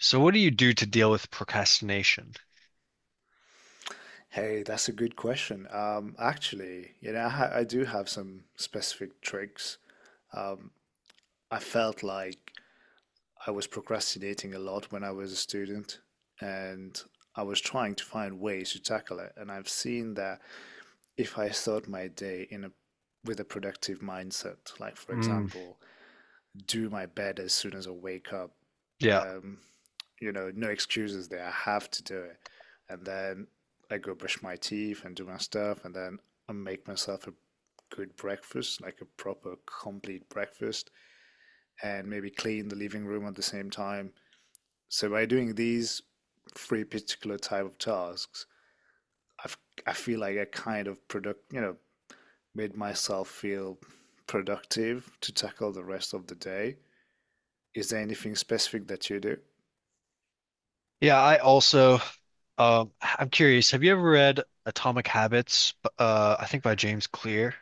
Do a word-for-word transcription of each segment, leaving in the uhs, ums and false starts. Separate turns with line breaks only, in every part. So what do you do to deal with procrastination?
Hey, that's a good question. Um, actually, you know, I, ha- I do have some specific tricks. Um, I felt like I was procrastinating a lot when I was a student, and I was trying to find ways to tackle it. And I've seen that if I start my day in a with a productive mindset, like for
Mm,
example, do my bed as soon as I wake up.
yeah.
Um, you know, no excuses there. I have to do it. And then I go brush my teeth and do my stuff, and then I make myself a good breakfast, like a proper, complete breakfast, and maybe clean the living room at the same time. So by doing these three particular type of tasks, I've, I feel like I kind of product, you know, made myself feel productive to tackle the rest of the day. Is there anything specific that you do?
Yeah, I also um I'm curious, have you ever read Atomic Habits b- uh I think by James Clear?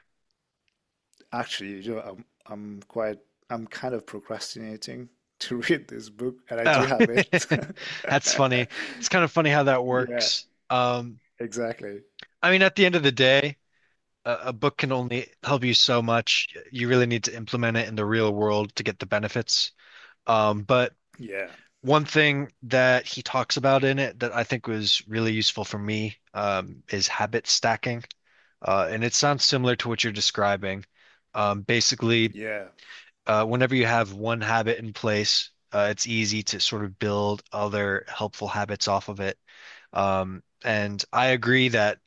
Actually, you know, I'm I'm quite I'm kind of procrastinating to read this book, and I do
Oh.
have it.
That's funny. It's kind of funny how that
Yeah,
works. Um
exactly.
I mean, at the end of the day, a, a book can only help you so much. You really need to implement it in the real world to get the benefits. Um but
Yeah.
one thing that he talks about in it that I think was really useful for me um, is habit stacking. Uh, and it sounds similar to what you're describing. Um, basically,
Yeah.
uh, whenever you have one habit in place, uh, it's easy to sort of build other helpful habits off of it. Um, and I agree that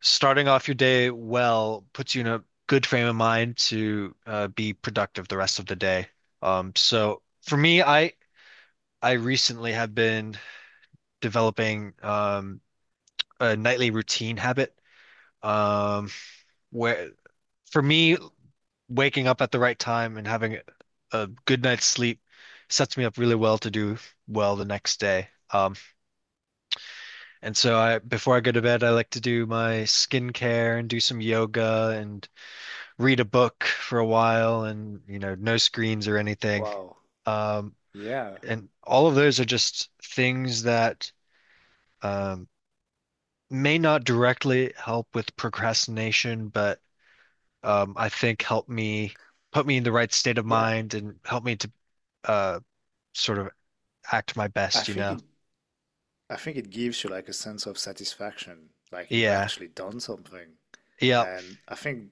starting off your day well puts you in a good frame of mind to uh, be productive the rest of the day. Um, so for me, I I recently have been developing um, a nightly routine habit um, where for me, waking up at the right time and having a good night's sleep sets me up really well to do well the next day. Um, and so I, before I go to bed, I like to do my skincare and do some yoga and read a book for a while and, you know, no screens or anything.
Wow.
Um,
Yeah.
and all of those are just things that um, may not directly help with procrastination, but um, I think help me, put me in the right state of
Yeah.
mind and help me to uh, sort of act my
I
best, you
think
know?
it I think it gives you like a sense of satisfaction, like you've
Yeah.
actually done something.
Yeah.
And I think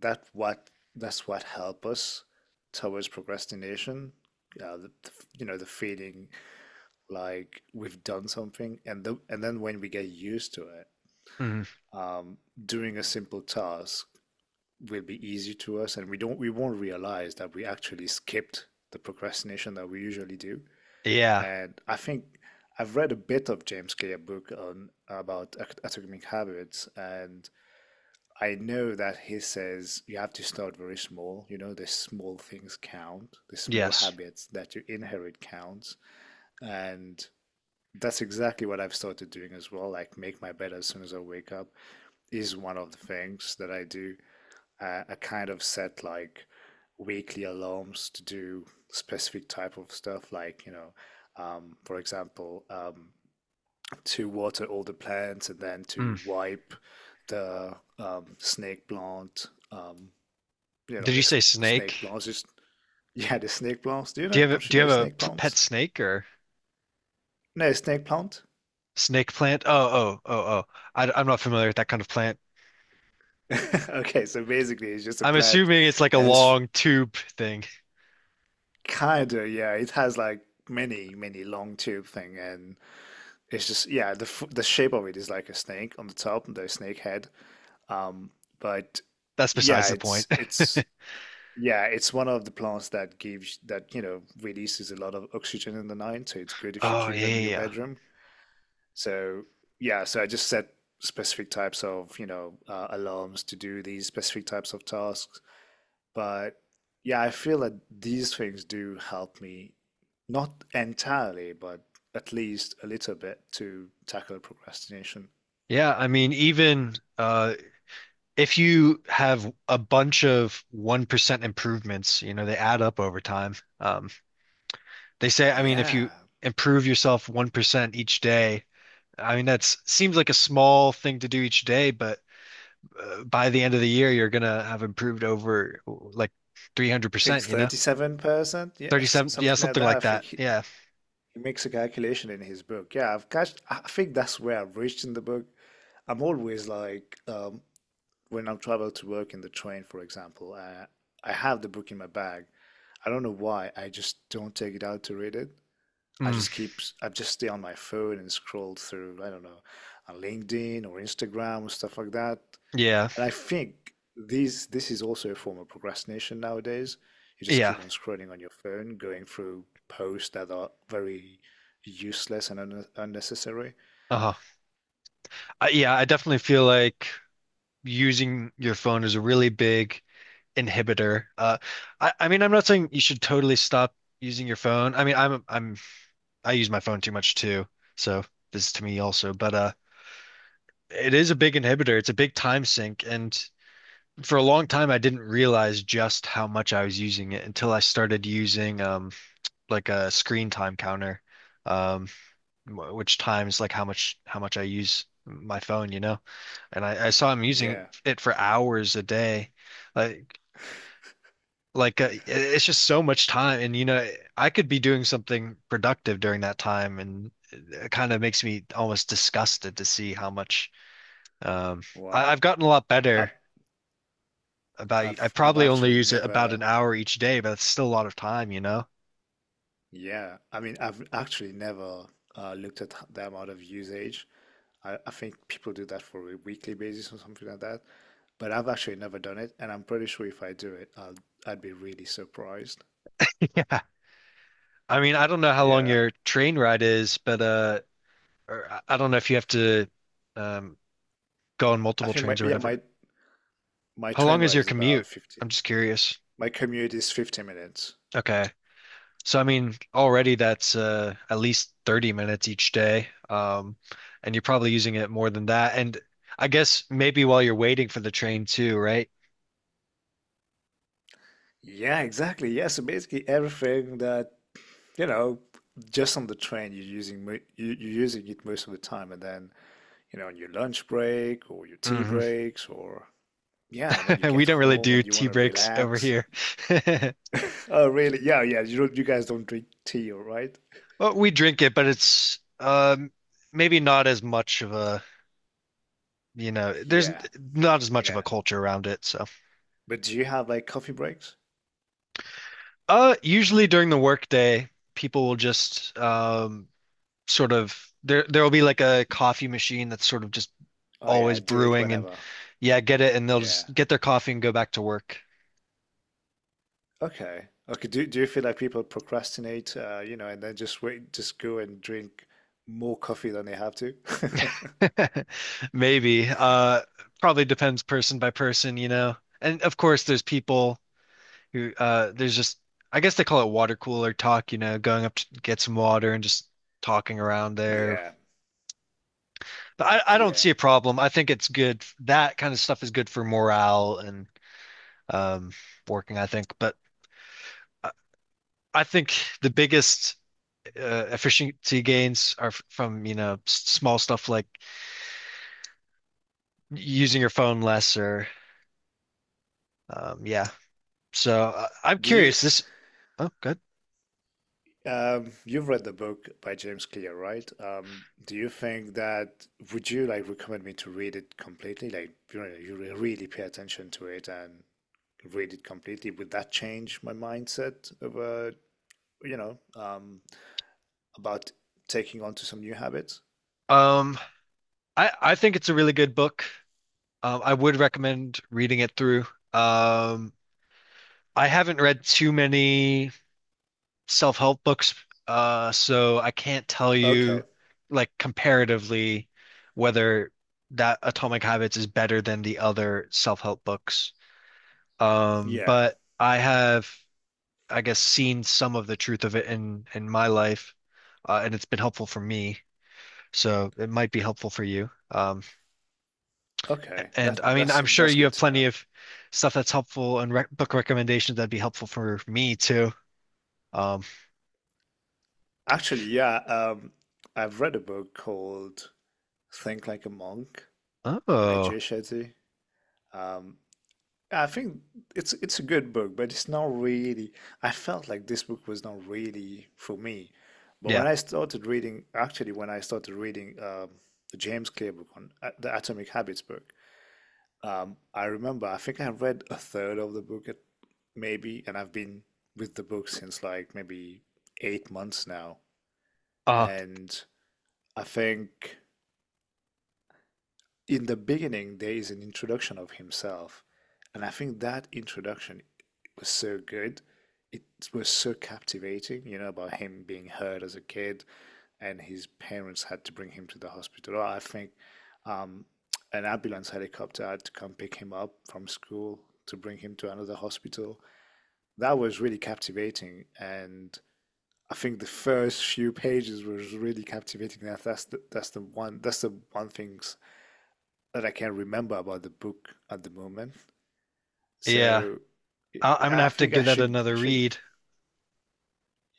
that what that's what help us towards procrastination. Uh, the, the f- you know, The feeling like we've done something and the, and then when we get used to it,
Mm.
um, doing a simple task will be easy to us and we don't we won't realize that we actually skipped the procrastination that we usually do.
Yeah.
And I think I've read a bit of James Clear book on about at- atomic habits, and I know that he says you have to start very small. You know, the small things count, the small
Yes.
habits that you inherit counts. And that's exactly what I've started doing as well. Like make my bed as soon as I wake up is one of the things that I do. Uh, I kind of set like weekly alarms to do specific type of stuff, like you know, um, for example, um, to water all the plants and then
Mm.
to wipe the, um, snake plant. Um, you know,
Did you
this
say snake?
snake plants. Just yeah, the snake plants. Do you
Do
know?
you have a,
Don't you
do you
know
have a
snake
p- pet
plants?
snake or
No, snake plant.
snake plant? Oh, oh, oh, oh. I, I'm not familiar with that kind of plant.
Okay, so basically it's just a
I'm
plant,
assuming it's like a
and it's
long tube thing.
kind of, yeah, it has like many many long tube thing, and it's just, yeah, the f- the shape of it is like a snake on the top, the snake head. Um, but
That's
yeah,
besides the point.
it's it's yeah, it's one of the plants that gives, that you know, releases a lot of oxygen in the night, so it's good if you
Oh,
keep
yeah,
them
yeah,
in your
yeah.
bedroom. So yeah, so I just set specific types of, you know uh, alarms to do these specific types of tasks. But yeah, I feel that these things do help me, not entirely, but at least a little bit to tackle procrastination.
Yeah, I mean, even uh if you have a bunch of one percent improvements, you know, they add up over time. Um, they say, I mean, if you
Yeah,
improve yourself one percent each day, I mean, that's seems like a small thing to do each day, but uh, by the end of the year, you're gonna have improved over like
I think
three hundred percent, you know?
thirty-seven percent, yes,
thirty-seven, yeah,
something like
something
that. I
like
think
that.
he,
Yeah.
he makes a calculation in his book. Yeah, I've catched, I think that's where I've reached in the book. I'm always like, um, when I travel to work in the train, for example, I, I have the book in my bag. I don't know why, I just don't take it out to read it. I
Mm,
just keep I just stay on my phone and scroll through, I don't know, on LinkedIn or Instagram or stuff like that.
yeah.
And I think these this is also a form of procrastination nowadays. You just
Yeah.
keep on scrolling on your phone, going through posts that are very useless and un unnecessary.
Uh-huh. Uh, yeah, I definitely feel like using your phone is a really big inhibitor. Uh, I, I mean, I'm not saying you should totally stop using your phone. I mean, I'm I'm I use my phone too much too, so this is to me also. But uh, it is a big inhibitor. It's a big time sink, and for a long time, I didn't realize just how much I was using it until I started using um like a screen time counter, um, which times like how much how much I use my phone, you know. And I, I saw him using
Yeah.
it for hours a day. Like like uh, i- it's just so much time, and you know, I could be doing something productive during that time, and it kind of makes me almost disgusted to see how much um I,
Wow.
I've gotten a lot
I,
better about, I
I've I've
probably only
actually
use it about an
never,
hour each day, but it's still a lot of time, you know.
yeah, I mean I've actually never, uh, looked at the amount of usage. I, I think people do that for a weekly basis or something like that. But I've actually never done it, and I'm pretty sure if I do it, I'll I'd be really surprised.
Yeah, I mean, I don't know how long
Yeah,
your train ride is, but uh or I I don't know if you have to um go on
I
multiple
think my
trains or
yeah
whatever.
my my
How long
train
is
ride
your
is about
commute?
fifty.
I'm just curious.
My commute is fifty minutes.
Okay. So I mean, already that's uh, at least thirty minutes each day. Um, and you're probably using it more than that. And I guess maybe while you're waiting for the train too, right?
Yeah, exactly. Yeah, so basically everything that, you know, just on the train, you're using mo- you, you're using it most of the time, and then you know on your lunch break or your tea
Hmm.
breaks or yeah when you
We
get
don't really
home
do
and you
tea
want to
breaks over
relax.
here.
Oh, really? Yeah, yeah. You don't, you guys don't drink tea, all right?
Well, we drink it, but it's um, maybe not as much of a, you know, there's
Yeah,
not as much of a
yeah.
culture around it. So,
But do you have like coffee breaks?
uh, usually during the workday, people will just um, sort of, there there will be like a coffee machine that's sort of just
Oh yeah,
always
do it
brewing, and
whenever.
yeah, get it, and they'll
Yeah.
just get their coffee and go back to work.
Okay. Okay. Do do you feel like people procrastinate, uh, you know, and then just wait, just go and drink more coffee than they have to?
Maybe. Uh probably depends person by person, you know. And of course there's people who uh there's just, I guess they call it water cooler talk, you know, going up to get some water and just talking around there.
Yeah.
But I, I don't
Yeah.
see a problem. I think it's good. That kind of stuff is good for morale and um working, I think. But I, I think the biggest uh, efficiency gains are f- from, you know, s- small stuff like using your phone less or um, yeah. So uh, I'm
Do you
curious. This, oh good.
um You've read the book by James Clear, right? Um, do you think that would you like recommend me to read it completely? Like, you know, you re- really pay attention to it and read it completely. Would that change my mindset of, uh, you know, um about taking on to some new habits?
Um, I I think it's a really good book. Um, I would recommend reading it through. Um, I haven't read too many self-help books, uh, so I can't tell
Okay.
you like comparatively whether that Atomic Habits is better than the other self-help books. Um,
Yeah.
but I have, I guess, seen some of the truth of it in in my life, uh, and it's been helpful for me. So it might be helpful for you. Um,
Okay.
and I
That
mean,
that's
I'm sure
that's
you
good
have
to
plenty
know.
of stuff that's helpful, and rec book recommendations that'd be helpful for me too. Um,
Actually, yeah, um I've read a book called Think Like a Monk by
oh
Jay Shetty. Um I think it's it's a good book, but it's not really, I felt like this book was not really for me. But
yeah,
when I started reading, actually when I started reading, um the James Clear book on, uh, the Atomic Habits book. Um, I remember, I think I read a third of the book at maybe, and I've been with the book since like maybe eight months now.
uh,
And I think in the beginning, there is an introduction of himself. And I think that introduction was so good. It was so captivating, you know, about him being hurt as a kid and his parents had to bring him to the hospital. I think, um, an ambulance helicopter had to come pick him up from school to bring him to another hospital. That was really captivating, and I think the first few pages was really captivating. That that's the, that's the one that's the one thing that I can remember about the book at the moment.
yeah.
So
I I'm gonna
yeah, I
have to
think I
give that
should I
another
should,
read.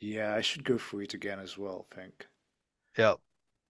yeah, I should go through it again as well. I think
Yeah.